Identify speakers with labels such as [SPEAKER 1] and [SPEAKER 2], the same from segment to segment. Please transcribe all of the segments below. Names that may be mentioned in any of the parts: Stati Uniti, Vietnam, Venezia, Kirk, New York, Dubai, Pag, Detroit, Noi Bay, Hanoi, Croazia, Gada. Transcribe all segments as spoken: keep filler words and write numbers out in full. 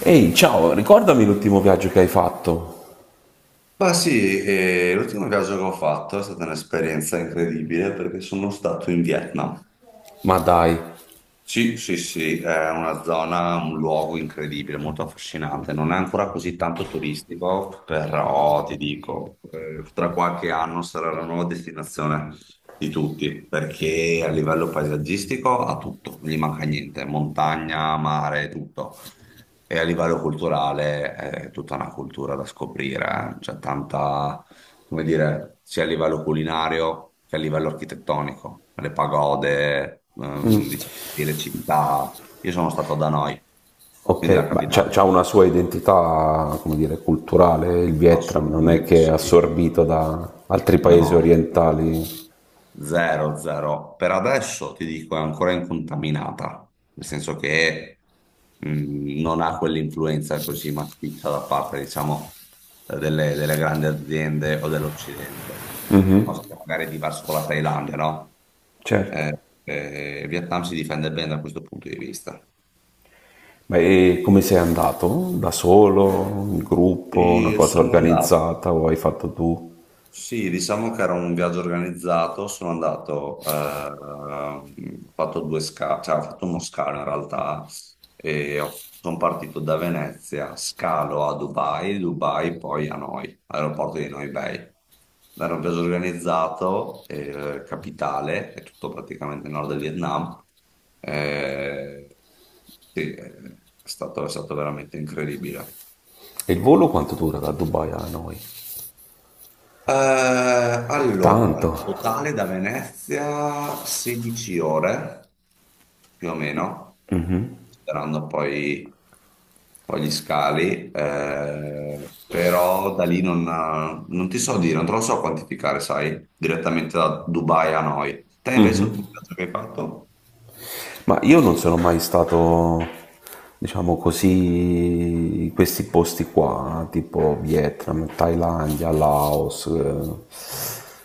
[SPEAKER 1] Ehi, ciao, ricordami l'ultimo viaggio che hai fatto.
[SPEAKER 2] Ma sì, eh, l'ultimo viaggio che ho fatto è stata un'esperienza incredibile perché sono stato in Vietnam.
[SPEAKER 1] Ma dai,
[SPEAKER 2] Sì, sì, sì, è una zona, un luogo incredibile, molto affascinante. Non è ancora così tanto turistico, però ti dico, eh, tra qualche anno sarà la nuova destinazione di tutti, perché a livello paesaggistico ha tutto, non gli manca niente, montagna, mare, tutto. E a livello culturale eh, è tutta una cultura da scoprire, eh. C'è tanta, come dire, sia a livello culinario che a livello architettonico, le pagode, ehm, diciamo, le città. Io sono stato a Hanoi, quindi la
[SPEAKER 1] ok, ma c'ha,
[SPEAKER 2] capitale,
[SPEAKER 1] c'ha una sua identità, come dire, culturale, il Vietnam non è
[SPEAKER 2] assolutamente
[SPEAKER 1] che è
[SPEAKER 2] sì.
[SPEAKER 1] assorbito da altri paesi
[SPEAKER 2] No.
[SPEAKER 1] orientali.
[SPEAKER 2] Zero, zero. Per adesso ti dico è ancora incontaminata, nel senso che mh, non ha quell'influenza così massiccia da parte, diciamo, eh, delle, delle grandi aziende o dell'Occidente, cosa che magari è diverso con la Thailandia, no?
[SPEAKER 1] Certo.
[SPEAKER 2] Eh, eh, il Vietnam si difende bene da questo punto di vista.
[SPEAKER 1] Ma e come sei andato? Da solo, in gruppo, una
[SPEAKER 2] E
[SPEAKER 1] cosa
[SPEAKER 2] sono andato
[SPEAKER 1] organizzata o hai fatto tu?
[SPEAKER 2] Sì, diciamo che era un viaggio organizzato, sono andato, eh, ho fatto due scale, cioè ho fatto uno scalo in realtà, e ho- sono partito da Venezia, scalo a Dubai, Dubai poi a Noi, aeroporto di Noi Bay. Era un viaggio organizzato, eh, capitale, è tutto praticamente il nord del Vietnam. Eh, sì, è stato, è stato veramente incredibile.
[SPEAKER 1] E il volo quanto dura da Dubai a noi?
[SPEAKER 2] Eh,
[SPEAKER 1] Tanto.
[SPEAKER 2] allora, totale da Venezia sedici ore, più o meno, sperando poi, poi gli scali, eh, però da lì non, non ti so dire, non te lo so quantificare, sai, direttamente da Dubai a noi. Te invece l'ultimo viaggio che hai fatto?
[SPEAKER 1] Ma io non sono mai stato, diciamo così, in questi posti qua, tipo Vietnam, Thailandia, Laos. eh,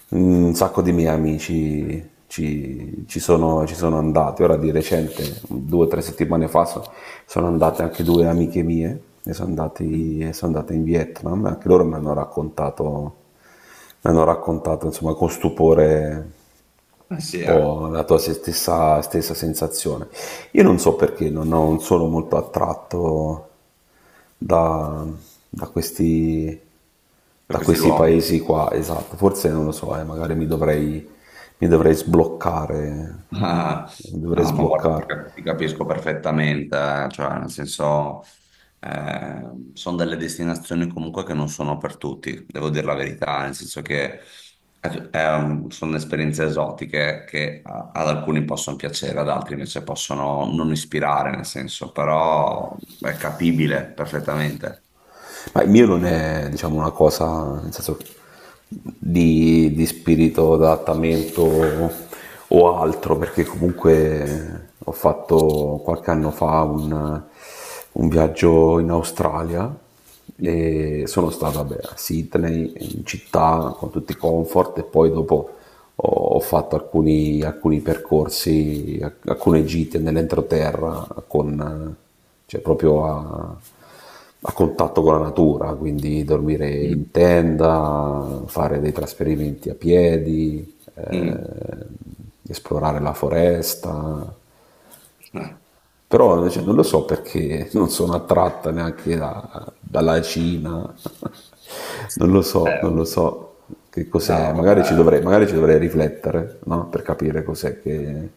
[SPEAKER 1] Un sacco di miei amici ci, ci sono, ci sono andati. Ora di recente, due o tre settimane fa, so- sono andate anche due amiche mie e sono andati-
[SPEAKER 2] Mm.
[SPEAKER 1] e sono andate in Vietnam. Anche loro mi hanno raccontato, mi hanno raccontato insomma con stupore
[SPEAKER 2] Eh
[SPEAKER 1] un
[SPEAKER 2] sì, eh,
[SPEAKER 1] po' la tua stessa, stessa sensazione. Io non so perché non, ho- non sono molto attratto da, da questi,
[SPEAKER 2] per
[SPEAKER 1] da
[SPEAKER 2] questi
[SPEAKER 1] questi
[SPEAKER 2] luoghi.
[SPEAKER 1] paesi qua, esatto, forse non lo so, eh, magari mi dovrei, mi dovrei sbloccare,
[SPEAKER 2] Ah,
[SPEAKER 1] mi dovrei
[SPEAKER 2] no, ma guarda, ti
[SPEAKER 1] sbloccare.
[SPEAKER 2] cap- ti capisco perfettamente, eh, cioè, nel senso, eh, sono delle destinazioni comunque che non sono per tutti, devo dire la verità, nel senso che eh, è un- sono esperienze esotiche che a- ad alcuni possono piacere, ad altri invece possono non ispirare, nel senso, però è capibile perfettamente.
[SPEAKER 1] Ma il mio non è, diciamo, una cosa, nel senso, di, di spirito d'adattamento o altro, perché comunque ho fatto qualche anno fa un, un viaggio in Australia
[SPEAKER 2] Mm.
[SPEAKER 1] e sono stato, vabbè, a Sydney, in città, con tutti i comfort e poi dopo ho, ho fatto alcuni, alcuni percorsi, alcune gite nell'entroterra con, cioè proprio a a contatto con la natura, quindi dormire
[SPEAKER 2] Mm.
[SPEAKER 1] in tenda, fare dei trasferimenti a piedi,
[SPEAKER 2] Mm.
[SPEAKER 1] eh, esplorare la foresta. Però cioè, non lo so perché non sono attratta neanche da- dalla Cina. Non lo so, non lo
[SPEAKER 2] Eh,
[SPEAKER 1] so che cos'è.
[SPEAKER 2] no,
[SPEAKER 1] Magari ci
[SPEAKER 2] vabbè,
[SPEAKER 1] dovrei, magari ci dovrei riflettere, no? Per capire cos'è che...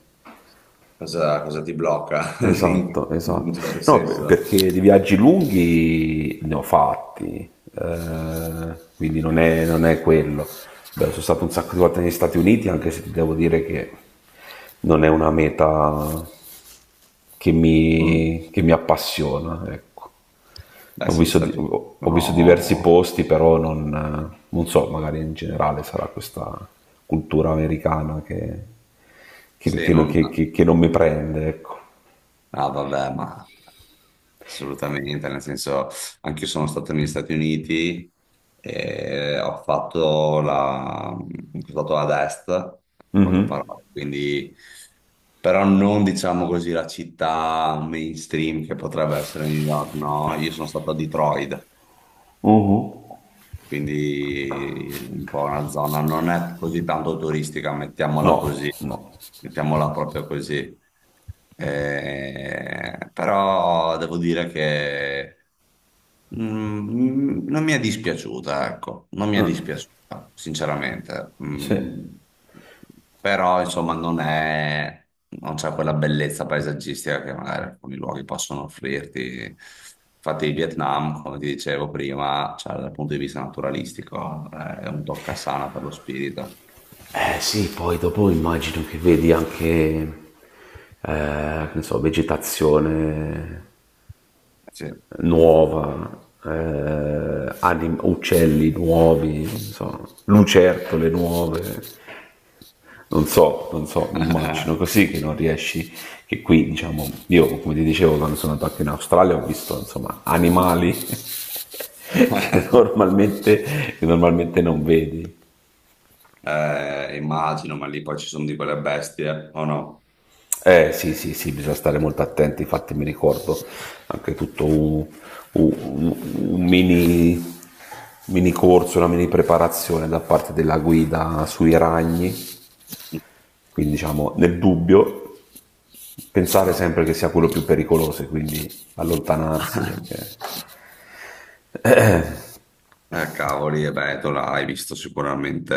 [SPEAKER 2] cosa, cosa ti blocca in,
[SPEAKER 1] Esatto,
[SPEAKER 2] in un
[SPEAKER 1] esatto.
[SPEAKER 2] certo
[SPEAKER 1] No, per-
[SPEAKER 2] senso?
[SPEAKER 1] perché di viaggi lunghi ne ho fatti, eh, quindi non è, non è quello. Beh, sono stato un sacco di volte negli Stati Uniti, anche se ti devo dire che non è una meta che
[SPEAKER 2] Mm.
[SPEAKER 1] mi, che mi appassiona, ecco.
[SPEAKER 2] Beh,
[SPEAKER 1] Ho
[SPEAKER 2] sì, gli
[SPEAKER 1] visto, di-
[SPEAKER 2] Stati Uniti
[SPEAKER 1] ho ho visto diversi
[SPEAKER 2] sono...
[SPEAKER 1] posti, però non, eh, non so, magari in generale sarà questa cultura americana che, che-
[SPEAKER 2] Sì,
[SPEAKER 1] che-
[SPEAKER 2] non...
[SPEAKER 1] che- che- che non mi prende, ecco.
[SPEAKER 2] Ah, vabbè, ma assolutamente, nel senso, anche io sono stato negli Stati Uniti e ho fatto la... ho fatto ad est, in
[SPEAKER 1] Mhm.
[SPEAKER 2] poche parole, quindi... Però non diciamo così la città mainstream che potrebbe essere New York, no? Io sono stato a Detroit,
[SPEAKER 1] Mhm.
[SPEAKER 2] quindi un po' una zona non è così tanto turistica, mettiamola
[SPEAKER 1] No,
[SPEAKER 2] così,
[SPEAKER 1] no.
[SPEAKER 2] mettiamola proprio così. Eh, però devo dire che mm, non mi è dispiaciuta, ecco, non mi è dispiaciuta, sinceramente.
[SPEAKER 1] Sì.
[SPEAKER 2] Mm, però insomma non è, non c'è quella bellezza paesaggistica che magari alcuni luoghi possono offrirti. Infatti il Vietnam, come ti dicevo prima, cioè, dal punto di vista naturalistico, è un toccasana per lo spirito.
[SPEAKER 1] Eh sì, poi dopo immagino che vedi anche, eh, che ne so, vegetazione
[SPEAKER 2] Sì.
[SPEAKER 1] nuova, eh, anim- uccelli nuovi, non so, lucertole nuove. Non so, non so, mi immagino così che non riesci, che qui diciamo, io come ti dicevo quando sono andato anche in Australia ho visto insomma animali che normalmente, che normalmente non vedi.
[SPEAKER 2] Eh, immagino, ma lì poi ci sono di quelle bestie, o no?
[SPEAKER 1] Eh sì, sì, sì, bisogna stare molto attenti, infatti mi ricordo anche tutto un, un- un mini, mini corso, una mini preparazione da parte della guida sui ragni, quindi diciamo nel dubbio pensare
[SPEAKER 2] Cavolo.
[SPEAKER 1] sempre che sia quello più pericoloso e quindi allontanarsi perché
[SPEAKER 2] Eh, cavoli, e beh, tu l'hai visto sicuramente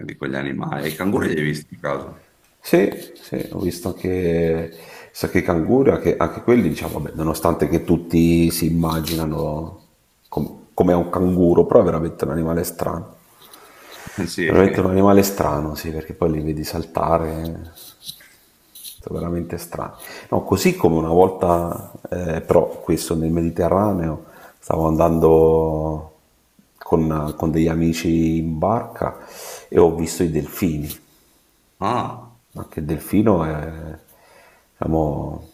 [SPEAKER 2] eh, di quegli animali. I canguri li hai visti a caso?
[SPEAKER 1] Sì, sì, ho visto anche, so che i canguri, anche, anche quelli, diciamo, vabbè, nonostante che tutti si immaginano com- come un canguro, però è veramente un animale strano. Veramente
[SPEAKER 2] Sì.
[SPEAKER 1] un animale strano, sì, perché poi li vedi saltare, sono veramente strani. No, così come una volta, eh, però questo nel Mediterraneo, stavo andando con, con degli amici in barca e ho visto i delfini.
[SPEAKER 2] Ah.
[SPEAKER 1] Anche il delfino è, diciamo,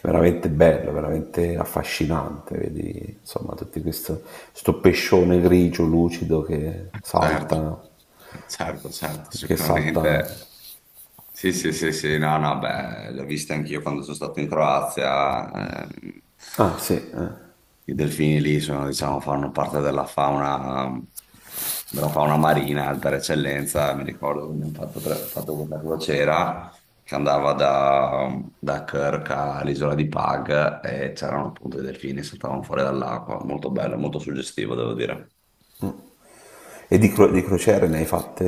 [SPEAKER 1] veramente bello, veramente affascinante, vedi insomma tutto questo, questo pescione grigio lucido che
[SPEAKER 2] Certo,
[SPEAKER 1] salta,
[SPEAKER 2] certo, certo,
[SPEAKER 1] che salta...
[SPEAKER 2] sicuramente. Sì, sì, sì, sì, no, no, beh, l'ho vista anch'io quando sono stato in Croazia. ehm,
[SPEAKER 1] Ah sì, eh.
[SPEAKER 2] I delfini lì sono, diciamo, fanno parte della fauna, della fauna marina per eccellenza. Mi ricordo che abbiamo fatto, pre- fatto questa crociera che andava da, da Kirk all'isola di Pag e c'erano appunto i delfini che saltavano fuori dall'acqua. Molto bello, molto suggestivo, devo dire.
[SPEAKER 1] E di, cro- di crociere ne hai fatte,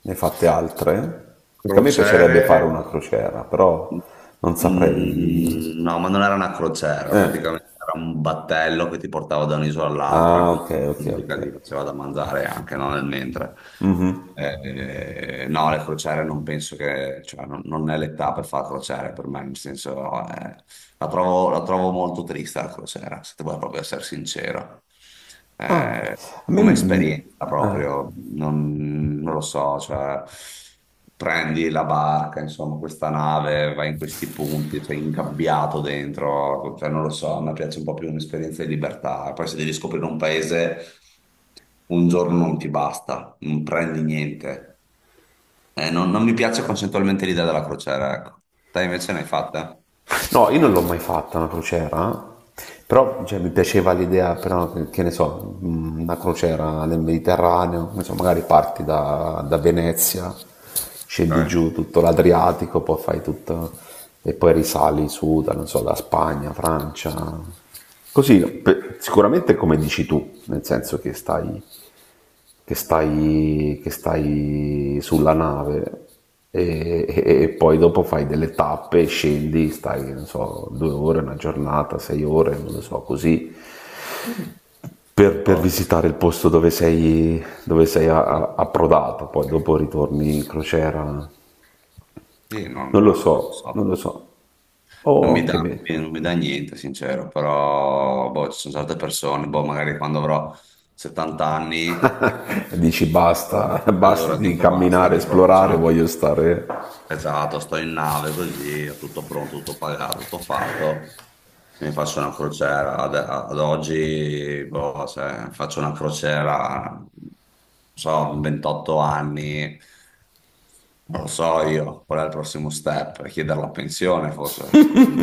[SPEAKER 1] ne hai fatte altre? Che a me piacerebbe
[SPEAKER 2] Crociere.
[SPEAKER 1] fare una crociera, però non saprei...
[SPEAKER 2] Mm, no, ma non era una crociera,
[SPEAKER 1] Eh.
[SPEAKER 2] praticamente era un battello che ti portava da un'isola all'altra
[SPEAKER 1] Ah
[SPEAKER 2] con
[SPEAKER 1] ok, ok, ok.
[SPEAKER 2] musica, ti faceva da mangiare anche no, nel mentre. Eh, no, le crociere non penso che, cioè, non, non è l'età per fare crociere per me, nel senso, eh, la trovo, la trovo molto triste la crociera, se devo proprio essere sincero.
[SPEAKER 1] Ah,
[SPEAKER 2] Eh,
[SPEAKER 1] a me
[SPEAKER 2] come
[SPEAKER 1] mm,
[SPEAKER 2] esperienza. Ma proprio, non, non lo so, cioè prendi la barca, insomma, questa nave, vai in questi punti, sei ingabbiato dentro, cioè non lo so, a me piace un po' più un'esperienza di libertà. Poi se devi scoprire un paese, un giorno non ti basta, non prendi niente. Eh, non, non mi piace concettualmente l'idea della crociera, ecco. Te invece ne hai fatta?
[SPEAKER 1] no, io non l'ho mai fatta una crociera, però cioè, mi piaceva l'idea, però, che ne so, mh, una crociera nel Mediterraneo, non so, magari parti da, da Venezia, scendi
[SPEAKER 2] Ok.
[SPEAKER 1] giù tutto l'Adriatico, poi fai tutto e poi risali su, da, non so, da Spagna, Francia. Così, pe- sicuramente come dici tu, nel senso che stai che stai, che stai sulla nave e, e- e poi dopo fai delle tappe, scendi, stai, che ne so, due ore, una giornata, sei ore, non lo so, così,
[SPEAKER 2] Sì.
[SPEAKER 1] per, per
[SPEAKER 2] Oh,
[SPEAKER 1] visitare il posto dove sei, dove sei a-
[SPEAKER 2] sì,
[SPEAKER 1] a- approdato, poi dopo ritorni in crociera,
[SPEAKER 2] sì, non,
[SPEAKER 1] non
[SPEAKER 2] no,
[SPEAKER 1] lo
[SPEAKER 2] non lo
[SPEAKER 1] so,
[SPEAKER 2] so.
[SPEAKER 1] non lo so,
[SPEAKER 2] Non
[SPEAKER 1] o
[SPEAKER 2] mi
[SPEAKER 1] anche
[SPEAKER 2] dà,
[SPEAKER 1] me.
[SPEAKER 2] non mi dà niente, sincero, però boh, ci sono certe persone, boh, magari quando avrò settanta anni,
[SPEAKER 1] Dici
[SPEAKER 2] allora,
[SPEAKER 1] basta, basta
[SPEAKER 2] allora
[SPEAKER 1] di
[SPEAKER 2] dico basta,
[SPEAKER 1] camminare,
[SPEAKER 2] dico "Oh,
[SPEAKER 1] esplorare,
[SPEAKER 2] sono
[SPEAKER 1] voglio stare.
[SPEAKER 2] esatto, sto in nave così, ho tutto pronto, tutto pagato, tutto fatto, mi faccio una crociera", ad, ad oggi boh, se faccio una crociera, non so, ventotto anni, non lo so io, qual è il prossimo step? Chiedere la pensione forse, un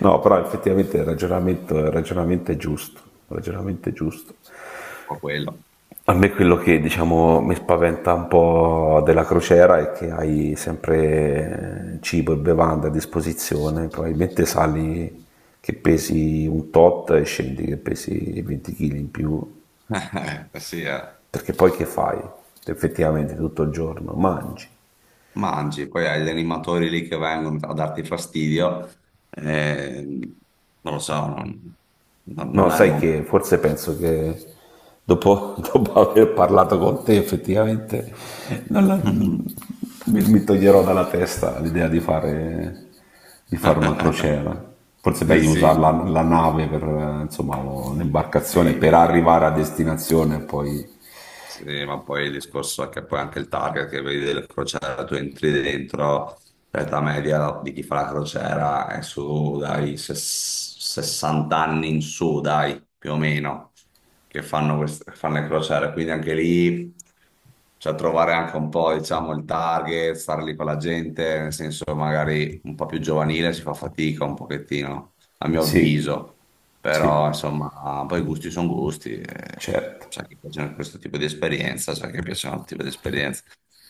[SPEAKER 1] No, però effettivamente il ragionamento, il ragionamento è giusto, il ragionamento è giusto.
[SPEAKER 2] po' quello.
[SPEAKER 1] A me quello che diciamo mi spaventa un po' della crociera è che hai sempre cibo e bevande a disposizione, probabilmente sali che pesi un tot e scendi che pesi venti chili in più,
[SPEAKER 2] Eh, sì, eh.
[SPEAKER 1] perché poi che fai? Effettivamente tutto il giorno mangi.
[SPEAKER 2] Mangi, poi hai gli animatori lì che vengono a darti fastidio, eh, non lo so, non, non-
[SPEAKER 1] No,
[SPEAKER 2] non è il
[SPEAKER 1] sai
[SPEAKER 2] momento.
[SPEAKER 1] che forse penso che dopo, dopo aver parlato con te effettivamente non la- mi, mi toglierò dalla testa l'idea di fare, di fare una crociera. Forse è meglio usare la,
[SPEAKER 2] Sì,
[SPEAKER 1] la
[SPEAKER 2] sì,
[SPEAKER 1] nave per eh, insomma, lo- l'imbarcazione per
[SPEAKER 2] sì.
[SPEAKER 1] arrivare a destinazione e poi
[SPEAKER 2] Sì, ma poi il discorso è che poi anche il target che vedi delle crociere, tu entri dentro, l'età media di chi fa la crociera è su dai ses- sessanta anni in su, dai, più o meno, che fanno, queste- fanno le crociere, quindi anche lì, cioè trovare anche un po', diciamo, il target, stare lì con la gente, nel senso magari un po' più giovanile si fa fatica un pochettino, a mio
[SPEAKER 1] sì,
[SPEAKER 2] avviso.
[SPEAKER 1] sì,
[SPEAKER 2] Però, insomma, poi gusti sono gusti. eh,
[SPEAKER 1] certo.
[SPEAKER 2] C'è chi piacciono questo tipo di esperienza, c'è chi piacciono altro tipo di esperienza.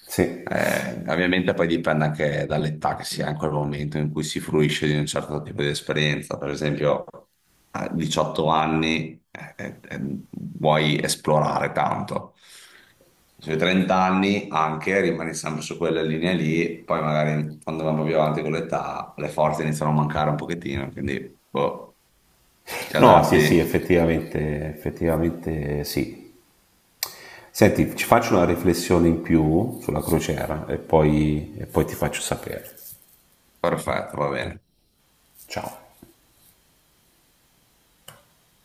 [SPEAKER 1] Sì.
[SPEAKER 2] Eh, ovviamente poi dipende anche dall'età che si ha in quel momento in cui si fruisce di un certo tipo di esperienza. Per esempio, a diciotto anni eh, eh, eh, vuoi esplorare tanto. Sui trenta anni anche rimani sempre su quella linea lì, poi magari quando vanno più avanti con l'età le forze iniziano a mancare un pochettino, quindi boh. Ti
[SPEAKER 1] No, sì, sì,
[SPEAKER 2] adatti?
[SPEAKER 1] effettivamente, effettivamente sì. Senti, ci faccio una riflessione in più sulla crociera e poi, e poi ti faccio sapere.
[SPEAKER 2] Perfetto, va bene.
[SPEAKER 1] Ciao.